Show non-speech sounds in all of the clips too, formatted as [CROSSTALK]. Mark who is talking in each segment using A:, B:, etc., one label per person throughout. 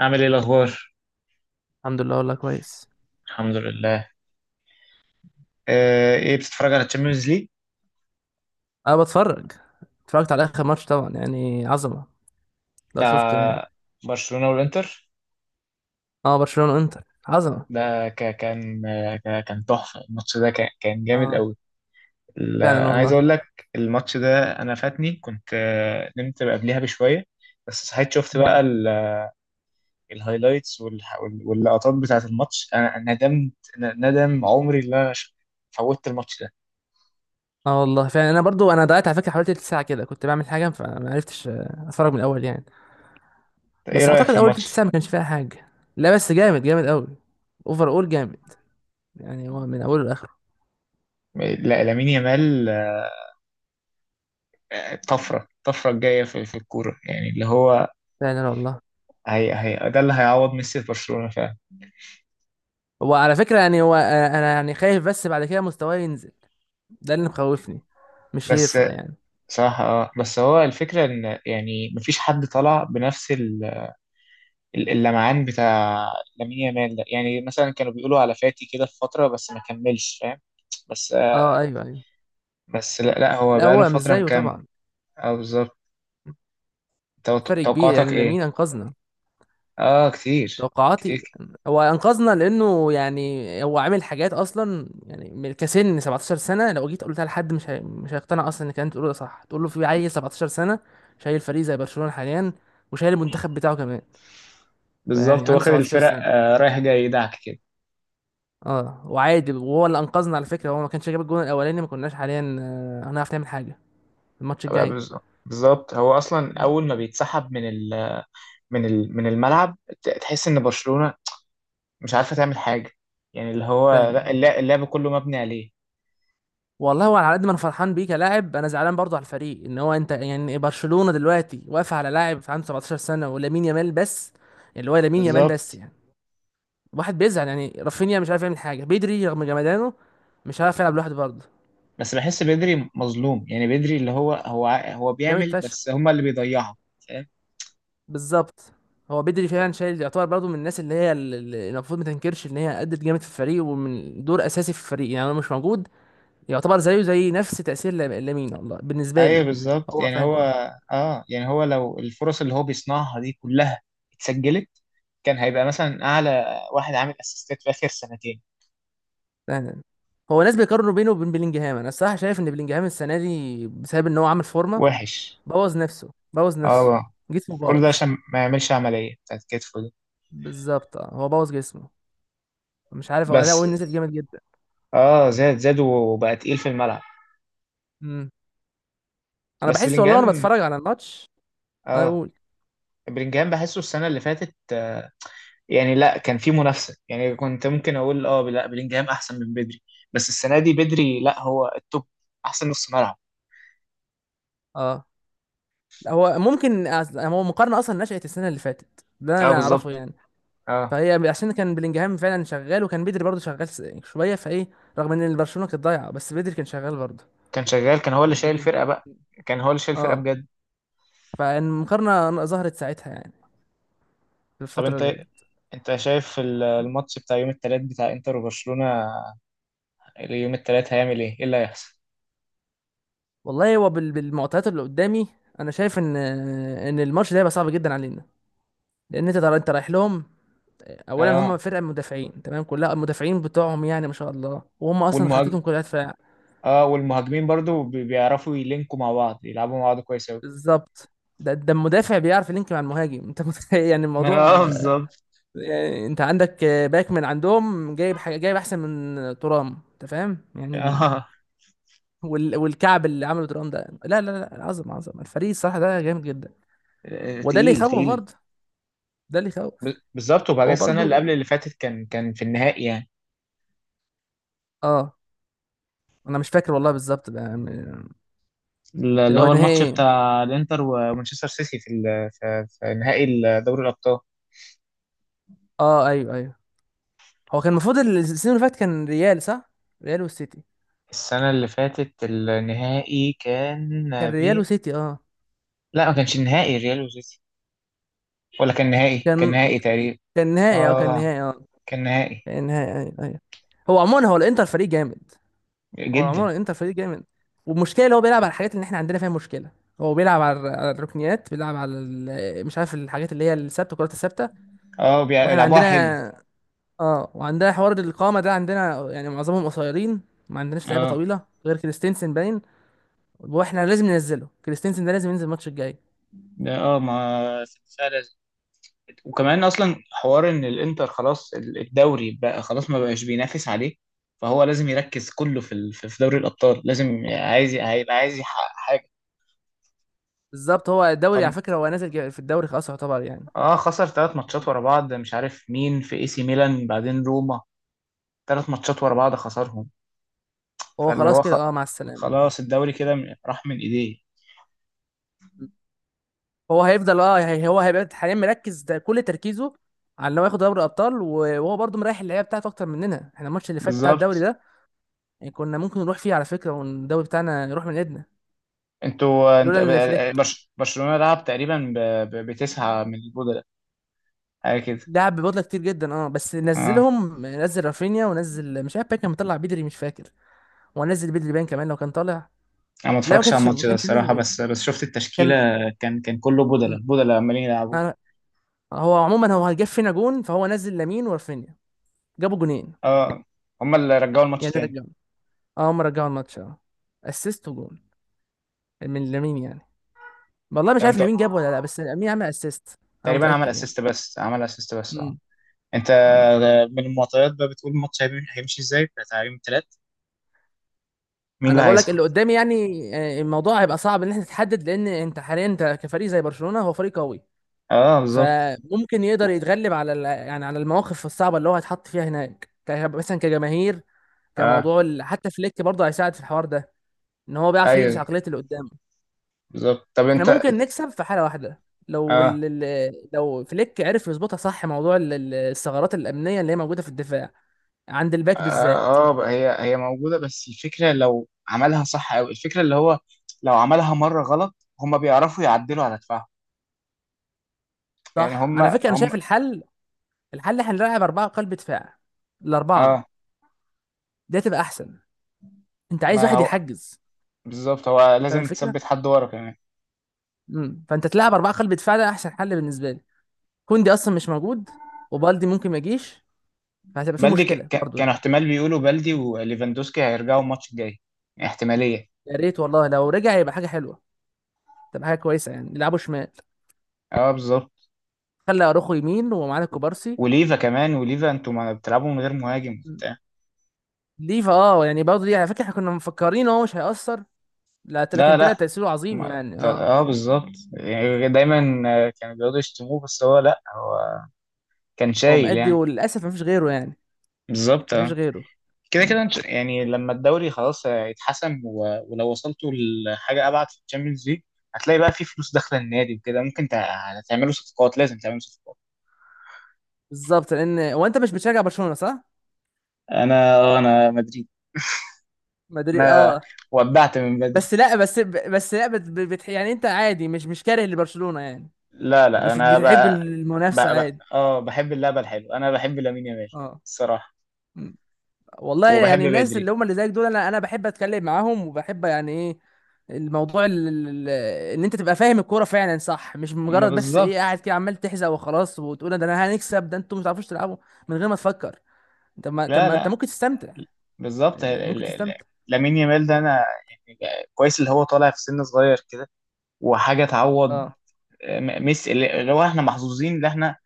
A: عامل ايه الاخبار؟
B: الحمد لله والله كويس.
A: الحمد لله. ايه بتتفرج على الشامبيونز ليج؟
B: انا بتفرج. اتفرجت على اخر ماتش طبعا يعني عظمه لو شفته يعني.
A: بتاع برشلونة والانتر.
B: اه برشلونه انتر عظمه.
A: ده كان تحفة، الماتش ده كان جامد
B: اه
A: قوي.
B: فعلا
A: انا عايز
B: والله.
A: اقول لك، الماتش ده انا فاتني، كنت نمت قبلها بشوية. بس صحيت شفت بقى
B: مم.
A: الهايلايتس واللقطات بتاعة الماتش، أنا ندمت، ندم عمري اللي انا فوتت الماتش ده.
B: اه والله فعلا انا برضو ضيعت على فكره حوالي تلت ساعه كده كنت بعمل حاجه فما عرفتش اتفرج من الاول يعني.
A: ايه
B: بس
A: رأيك
B: اعتقد
A: في
B: اول تلت
A: الماتش؟
B: ساعه ما كانش فيها حاجه. لا بس جامد جامد قوي. اوفر اول جامد. يعني هو من اوله لاخره.
A: لا، لامين يامال. الطفرة الجاية في الكورة، يعني اللي هو
B: فعلا والله.
A: هي ده اللي هيعوض ميسي في برشلونة فعلا.
B: هو على فكره يعني هو انا يعني خايف بس بعد كده مستواه ينزل. ده اللي مخوفني. مش
A: بس
B: يرفع يعني.
A: صراحة، بس هو الفكرة ان يعني مفيش حد طلع بنفس اللمعان بتاع لامين يامال ده، يعني مثلا كانوا بيقولوا على فاتي كده في فترة بس ما كملش، فاهم؟ بس
B: اه
A: آه
B: ايوه ايوه.
A: بس لا، لا، هو
B: لا
A: بقاله
B: هو مش
A: فترة
B: زيه
A: مكمل.
B: طبعا.
A: اه، بالظبط.
B: فرق كبير
A: توقعاتك
B: يعني
A: ايه؟
B: لامين انقذنا.
A: اه، كتير.
B: توقعاتي؟
A: كتير،
B: هو انقذنا لانه يعني هو عامل حاجات اصلا يعني كسن 17 سنه. لو جيت قلتها لحد مش هيقتنع اصلا، انك انت تقول ده صح تقول له في عيل 17 سنه شايل فريق زي برشلونه حاليا، وشايل المنتخب بتاعه كمان. فيعني
A: بالظبط،
B: عنده
A: واخد
B: 17
A: الفرق
B: سنه.
A: رايح جاي يدعك كده.
B: اه وعادي، وهو اللي انقذنا على فكره. هو ما كانش جاب الجون الاولاني ما كناش حاليا هنعرف نعمل حاجه الماتش
A: بقى،
B: الجاي.
A: بالظبط، بالظبط، هو اصلا
B: م.
A: اول ما بيتسحب من ال من ال من الملعب، تحس ان برشلونة مش عارفه تعمل حاجه، يعني اللي هو،
B: فعلا
A: لا، اللعب كله مبني عليه.
B: والله. هو على قد ما انا فرحان بيه كلاعب انا زعلان برضه على الفريق، ان هو انت يعني برشلونة دلوقتي واقف على لاعب عنده 17 سنة ولامين يامال بس. اللي هو لامين يامال بس
A: بالظبط.
B: يعني. واحد بيزعل يعني، رافينيا مش عارف يعمل حاجة، بيدري رغم جمدانه مش عارف يلعب لوحده برضه.
A: بس بحس بدري مظلوم، يعني بدري اللي هو هو
B: جامد
A: بيعمل،
B: فشخ.
A: بس هما اللي بيضيعوا، فاهم؟
B: بالظبط. هو بدري فعلا شايل، يعتبر برضه من الناس اللي هي المفروض ما تنكرش ان هي ادت جامد في الفريق، ومن دور اساسي في الفريق، يعني لو مش موجود يعتبر زيه زي نفس تأثير لامين والله بالنسبة لي.
A: ايوه، بالظبط،
B: هو
A: يعني هو،
B: فعلا
A: اه، يعني هو لو الفرص اللي هو بيصنعها دي كلها اتسجلت، كان هيبقى مثلا اعلى واحد عامل اسيستات في اخر سنتين.
B: فعلا. هو ناس بيقارنوا بينه وبين بلينجهام، انا الصراحه شايف ان بلينجهام السنه دي بسبب ان هو عامل فورمه،
A: وحش.
B: بوظ نفسه بوظ نفسه،
A: اه،
B: جسمه
A: كل ده
B: باظ.
A: عشان ما يعملش عمليه بتاعت كتفه دي.
B: بالظبط اه هو بوظ جسمه. مش عارف هو
A: بس
B: نزل جامد جدا.
A: اه زاد وبقى تقيل في الملعب.
B: امم. انا
A: بس
B: بحس والله وانا
A: بلينجهام.
B: بتفرج على الماتش، انا
A: اه،
B: اقول
A: بلينجهام بحسه السنة اللي فاتت، يعني لا، كان في منافسة، يعني كنت ممكن أقول أه لا بلينجهام أحسن من بدري، بس السنة دي بدري، لا هو التوب، أحسن نص ملعب.
B: اه. لا، هو ممكن هو مقارنه اصلا نشأت السنه اللي فاتت ده
A: أه،
B: انا
A: بالظبط.
B: اعرفه يعني.
A: أه،
B: فهي عشان كان بلينجهام فعلا شغال، وكان بدري برضه شغال شويه فايه، رغم ان برشلونه كانت ضايعه بس بدري كان شغال برضه.
A: كان شغال، كان هو اللي
B: يعني
A: شايل
B: بدري
A: الفرقة بقى، كان هو اللي شايل الفرقة
B: اه.
A: بجد.
B: فالمقارنة ظهرت ساعتها يعني، في
A: طب
B: الفترة
A: أنت
B: ديت.
A: أنت شايف الماتش بتاع يوم التلات بتاع إنتر وبرشلونة، يوم التلات هيعمل إيه؟ إيه اللي هيحصل؟
B: والله هو بالمعطيات اللي قدامي، انا شايف ان الماتش ده هيبقى صعب جدا علينا. لان انت رايح لهم. اولا
A: أه
B: هم فرقه مدافعين، تمام كلها المدافعين بتوعهم يعني ما شاء الله، وهم اصلا
A: والمهاج...
B: خطتهم كلها دفاع.
A: أه، والمهاجمين برضو بيعرفوا يلينكوا مع بعض، يلعبوا مع بعض كويس أوي.
B: بالظبط. ده المدافع بيعرف يلينك مع المهاجم [LAUGHS] انت متخيل يعني الموضوع
A: اه،
B: آه،
A: بالظبط.
B: يعني انت عندك باك من عندهم جايب حاجه، جايب احسن من ترام، انت فاهم يعني.
A: اه،
B: والكعب اللي عمله ترام ده لا لا لا، عظم عظم الفريق الصراحه، ده جامد جدا. وده اللي
A: تقيل،
B: يخوف
A: تقيل.
B: برضه. ده اللي يخوف.
A: بالظبط، وبعدين
B: هو
A: السنه اللي
B: برضه
A: قبل اللي فاتت كان في النهائي يعني،
B: اه. انا مش فاكر والله بالظبط بقى يعني. اللي
A: اللي
B: هو
A: هو الماتش
B: نهائي،
A: بتاع الانتر ومانشستر سيتي في ال- في في نهائي دوري الابطال.
B: اه ايوه ايوه. هو كان المفروض السنة اللي فاتت كان ريال صح؟ ريال والسيتي.
A: السنه اللي فاتت النهائي كان
B: كان ريال
A: بين.
B: وسيتي اه.
A: لا، ما كانش النهائي ريال وسيتي، ولا كان نهائي كان
B: كان
A: نهائي تقريبا.
B: نهائي اه كان
A: اه،
B: نهائي اه.
A: كان نهائي.
B: كان نهائي ايوه ايوه. هو عموما هو الانتر فريق جامد. هو
A: جدا.
B: عموما الانتر فريق جامد. والمشكله اللي هو بيلعب على الحاجات اللي احنا عندنا فيها مشكله. هو بيلعب على الركنيات، بيلعب على مش عارف، الحاجات اللي هي الثابته، الكرات الثابته.
A: اه،
B: واحنا
A: بيلعبوها
B: عندنا
A: حلو.
B: اه، وعندها حوار القامه ده عندنا يعني معظمهم قصيرين. ما عندناش لعيبه
A: اه،
B: طويله غير كريستنسن باين. واحنا لازم ننزله، كريستنسن ده لازم ينزل الماتش الجاي.
A: ده ما. وكمان اصلا حوار ان الانتر خلاص الدوري بقى خلاص ما بقاش بينافس عليه، فهو لازم يركز كله في ال- في في دوري الابطال، لازم هيبقى عايز يحقق حاجه.
B: بالظبط. هو
A: ف،
B: الدوري على فكره هو نازل في الدوري خلاص يعتبر يعني.
A: اه خسر ثلاث ماتشات ورا بعض، مش عارف مين، في اي سي ميلان بعدين روما، ثلاث ماتشات ورا بعض خسرهم.
B: هو
A: فاللي
B: خلاص
A: هو خ...
B: كده اه، مع السلامه.
A: خلاص الدوري كده راح من ايديه.
B: هو هيفضل اه هو هيبقى حاليا مركز ده كل تركيزه على ان هو ياخد دوري الابطال، وهو برضه مريح اللعيبه بتاعته اكتر مننا، احنا الماتش اللي فات بتاع الدوري
A: بالظبط.
B: ده يعني كنا ممكن نروح فيه على فكره والدوري بتاعنا يروح من ايدنا،
A: انت،
B: لولا ان فليك
A: برشلونه لعب تقريبا بتسعه من البودلة، حاجه كده.
B: لعب ببطولة كتير جدا. اه بس
A: اه،
B: نزلهم، نزل رافينيا، ونزل مش عارف باين كان مطلع بدري مش فاكر. هو نزل بدري باين كمان لو كان طالع.
A: انا ما
B: لا ما
A: اتفرجش على
B: كانش
A: الماتش ده
B: نزل
A: الصراحه،
B: بدري.
A: بس شفت التشكيله،
B: كان،
A: كان كله بدله
B: م-
A: بدله عمالين يلعبوا.
B: أنا، هو عموما هو جاب فينا جون فهو نزل لامين ورافينيا، جابوا جونين
A: اه، هم اللي رجعوا الماتش
B: يعني.
A: تاني.
B: رجعوا اه، هم رجعوا الماتش اه. اسيست وجون من لامين يعني. والله مش
A: طب
B: عارف
A: انت،
B: لامين جاب ولا لا، بس لامين عمل اسيست انا
A: تقريبا عمل
B: متأكد يعني.
A: اسيست بس، عمل اسيست بس، اه.
B: م-
A: انت،
B: م.
A: من المعطيات بقى، بتقول الماتش هيمشي ازاي بتاع تعليم ثلاث، مين اللي
B: انا بقول لك
A: هيصعد؟
B: اللي قدامي يعني، الموضوع هيبقى صعب ان انت تحدد، لان انت حاليا انت كفريق زي برشلونة هو فريق قوي،
A: اه، بالظبط.
B: فممكن يقدر يتغلب على يعني على المواقف الصعبه اللي هو هيتحط فيها هناك، مثلا كجماهير،
A: اه،
B: كموضوع حتى فليك برضه هيساعد في الحوار ده، ان هو بيعرف يدرس
A: ايوه،
B: عقليه اللي قدامه.
A: بالظبط. طب
B: احنا
A: انت،
B: ممكن نكسب في حاله واحده، لو
A: اه
B: لو فليك عرف يظبطها صح، موضوع الثغرات الامنيه اللي هي موجوده في الدفاع، عند الباك بالذات.
A: هي موجوده، بس الفكره لو عملها صح قوي، الفكره اللي هو لو عملها مره غلط هم بيعرفوا يعدلوا على دفاعهم، يعني
B: صح،
A: هم
B: على فكره انا
A: هم
B: شايف الحل. الحل احنا نلعب اربعه قلب دفاع، الاربعه
A: اه،
B: دي تبقى احسن. انت عايز
A: ما
B: واحد
A: هو
B: يحجز،
A: بالظبط، هو
B: فاهم
A: لازم
B: الفكره.
A: تثبت حد ورا كمان.
B: امم. فانت تلعب اربعه قلب دفاع ده احسن حل بالنسبه لي. كوندي اصلا مش موجود، وبالدي ممكن ما يجيش، فهتبقى في
A: بلدي،
B: مشكله برضه
A: كانوا
B: يعني.
A: احتمال بيقولوا بلدي وليفاندوسكي هيرجعوا الماتش الجاي، احتمالية.
B: يا ريت والله لو رجع يبقى حاجه حلوه، تبقى حاجه كويسه، يعني يلعبوا شمال،
A: اه، بالظبط.
B: خلى اروخو يمين ومعانا كوبارسي.
A: وليفا كمان، وليفا، انتوا ما بتلعبوا من غير مهاجم وبتاع؟
B: ليفا اه يعني برضه دي على فكره احنا كنا مفكرين هو مش هيأثر، لا لكن
A: لا،
B: طلع
A: لا،
B: تأثيره عظيم
A: ما...
B: يعني
A: ت-
B: اه.
A: اه بالظبط، يعني دايما كانوا بيقعدوا يشتموه، بس هو، لا، هو كان
B: هو
A: شايل
B: مأدي
A: يعني.
B: وللاسف مفيش غيره يعني،
A: بالظبط،
B: مفيش
A: اه.
B: غيره.
A: كده،
B: مم.
A: كده، يعني لما الدوري خلاص يتحسم، ولو وصلتوا لحاجه ابعد في الشامبيونز ليج، هتلاقي بقى في فلوس داخله النادي وكده، ممكن تعملوا صفقات، لازم تعملوا صفقات.
B: بالظبط. لان هو انت مش بتشجع برشلونه صح؟
A: انا مدريد.
B: مدري
A: انا
B: اه.
A: ودعت من بدري.
B: بس لا بس بس لا بت... بت... يعني انت عادي، مش كاره لبرشلونه يعني.
A: لا، لا، انا
B: بتحب
A: بقى،
B: المنافسه
A: بقى، بقى،
B: عادي.
A: بحب اللعبه الحلوه، انا بحب لامين يامال
B: اه.
A: الصراحه،
B: م. والله
A: وبحب
B: يعني الناس
A: بدري.
B: اللي هم اللي زيك دول، انا بحب اتكلم معاهم وبحب يعني ايه، الموضوع ان انت تبقى فاهم الكوره فعلا صح، مش
A: ما
B: مجرد بس ايه قاعد
A: بالظبط.
B: كده عمال تحزق وخلاص وتقول ده انا هنكسب ده انتوا مش عارفوش تلعبوا، من غير ما تفكر. طب
A: لا،
B: ما انت
A: لا،
B: ممكن تستمتع،
A: بالظبط.
B: يعني ممكن
A: ال-
B: تستمتع.
A: لامين يامال ده، انا يعني كويس اللي هو طالع في سن صغير كده، وحاجه تعوض
B: اه.
A: ميسي، اللي هو احنا محظوظين ان احنا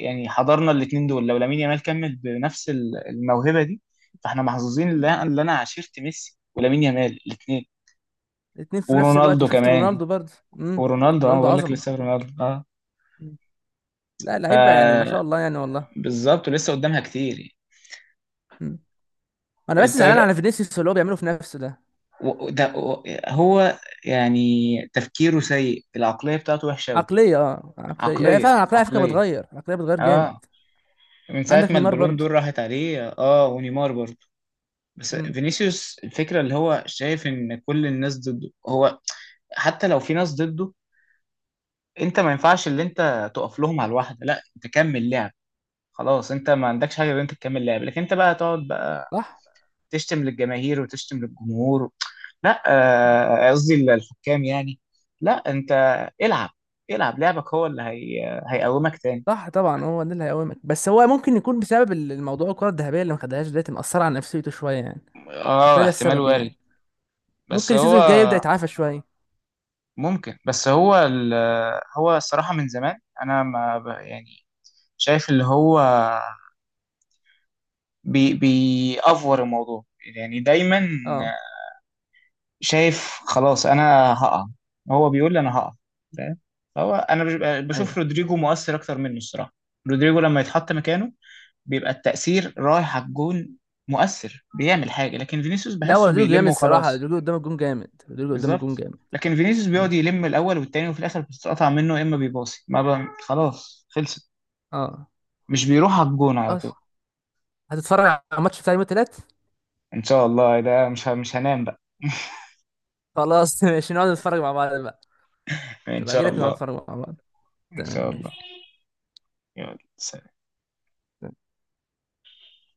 A: يعني حضرنا الاثنين دول. لو لامين يامال كمل بنفس الموهبه دي، فاحنا محظوظين ان
B: م.
A: انا اللي أنا عاشرت ميسي ولامين يامال الاثنين،
B: الاتنين في نفس الوقت
A: ورونالدو
B: وشفت
A: كمان،
B: رونالدو برضه. امم.
A: ورونالدو، اه،
B: رونالدو
A: بقول لك
B: عظمه.
A: لسه رونالدو، اه.
B: م. لا لعيبه يعني ما شاء الله يعني والله.
A: فبالظبط، ولسه قدامها كتير يعني.
B: م. انا بس
A: انت إيه
B: زعلان على فينيسيوس اللي هو بيعمله في نفسه ده.
A: ده، هو يعني تفكيره سيء، العقليه بتاعته وحشه قوي.
B: عقليه عقليه يعني،
A: عقليه،
B: فعلا العقليه على فكره
A: عقليه،
B: بتغير، العقليه بتغير جامد.
A: اه. من ساعه
B: عندك
A: ما
B: نيمار
A: البالون
B: برضه.
A: دور راحت عليه، ونيمار برضه. بس
B: امم.
A: فينيسيوس الفكرة اللي هو شايف ان كل الناس ضده هو. حتى لو في ناس ضده، انت ما ينفعش اللي انت تقف لهم على الواحدة، لا انت كمل لعب، خلاص انت ما عندكش حاجة غير انت تكمل لعب، لكن انت بقى تقعد بقى
B: صح.
A: تشتم للجماهير وتشتم للجمهور لا، قصدي الحكام يعني، لا انت العب، العب لعبك، هو اللي هيقومك تاني.
B: صح طبعا هو ده اللي هيقومك، بس هو ممكن يكون بسبب الموضوع، الكره الذهبيه اللي ما خدهاش دلوقتي مأثره على نفسيته شويه يعني. هتلاقي
A: اه،
B: ده
A: احتمال
B: السبب
A: وارد.
B: يعني.
A: بس
B: ممكن
A: هو
B: السيزون الجاي يبدأ يتعافى شويه.
A: ممكن. بس هو هو الصراحة من زمان، انا ما يعني، شايف اللي هو بيأفور الموضوع، يعني دايما
B: اه
A: شايف خلاص انا هقع، هو بيقول لي انا هقع، فاهم؟ هو انا
B: ايوه.
A: بشوف رودريجو مؤثر اكتر منه الصراحه، رودريجو لما يتحط مكانه بيبقى التأثير رايح على الجون، مؤثر بيعمل حاجه، لكن فينيسيوس
B: لا هو
A: بحسه
B: رودريجو جامد
A: بيلم
B: الصراحه،
A: وخلاص.
B: رودريجو قدام الجون جامد، رودريجو قدام الجون
A: بالظبط.
B: جامد.
A: لكن فينيسيوس
B: مم.
A: بيقعد يلم الاول والتاني، وفي الاخر بتتقطع منه، يا اما بيباصي ما ب... خلاص خلصت،
B: اه
A: مش بيروح على الجون على طول.
B: خلاص. هتتفرج على الماتش بتاع يوم التلات؟
A: ان شاء الله، ده مش هنام بقى.
B: خلاص [LAUGHS] ماشي، نقعد نتفرج مع بعض بقى.
A: إن
B: نبقى اجي
A: شاء
B: لك ونقعد
A: الله.
B: نتفرج مع بعض.
A: إن شاء
B: تمام
A: الله.
B: ماشي.
A: يلا، سلام.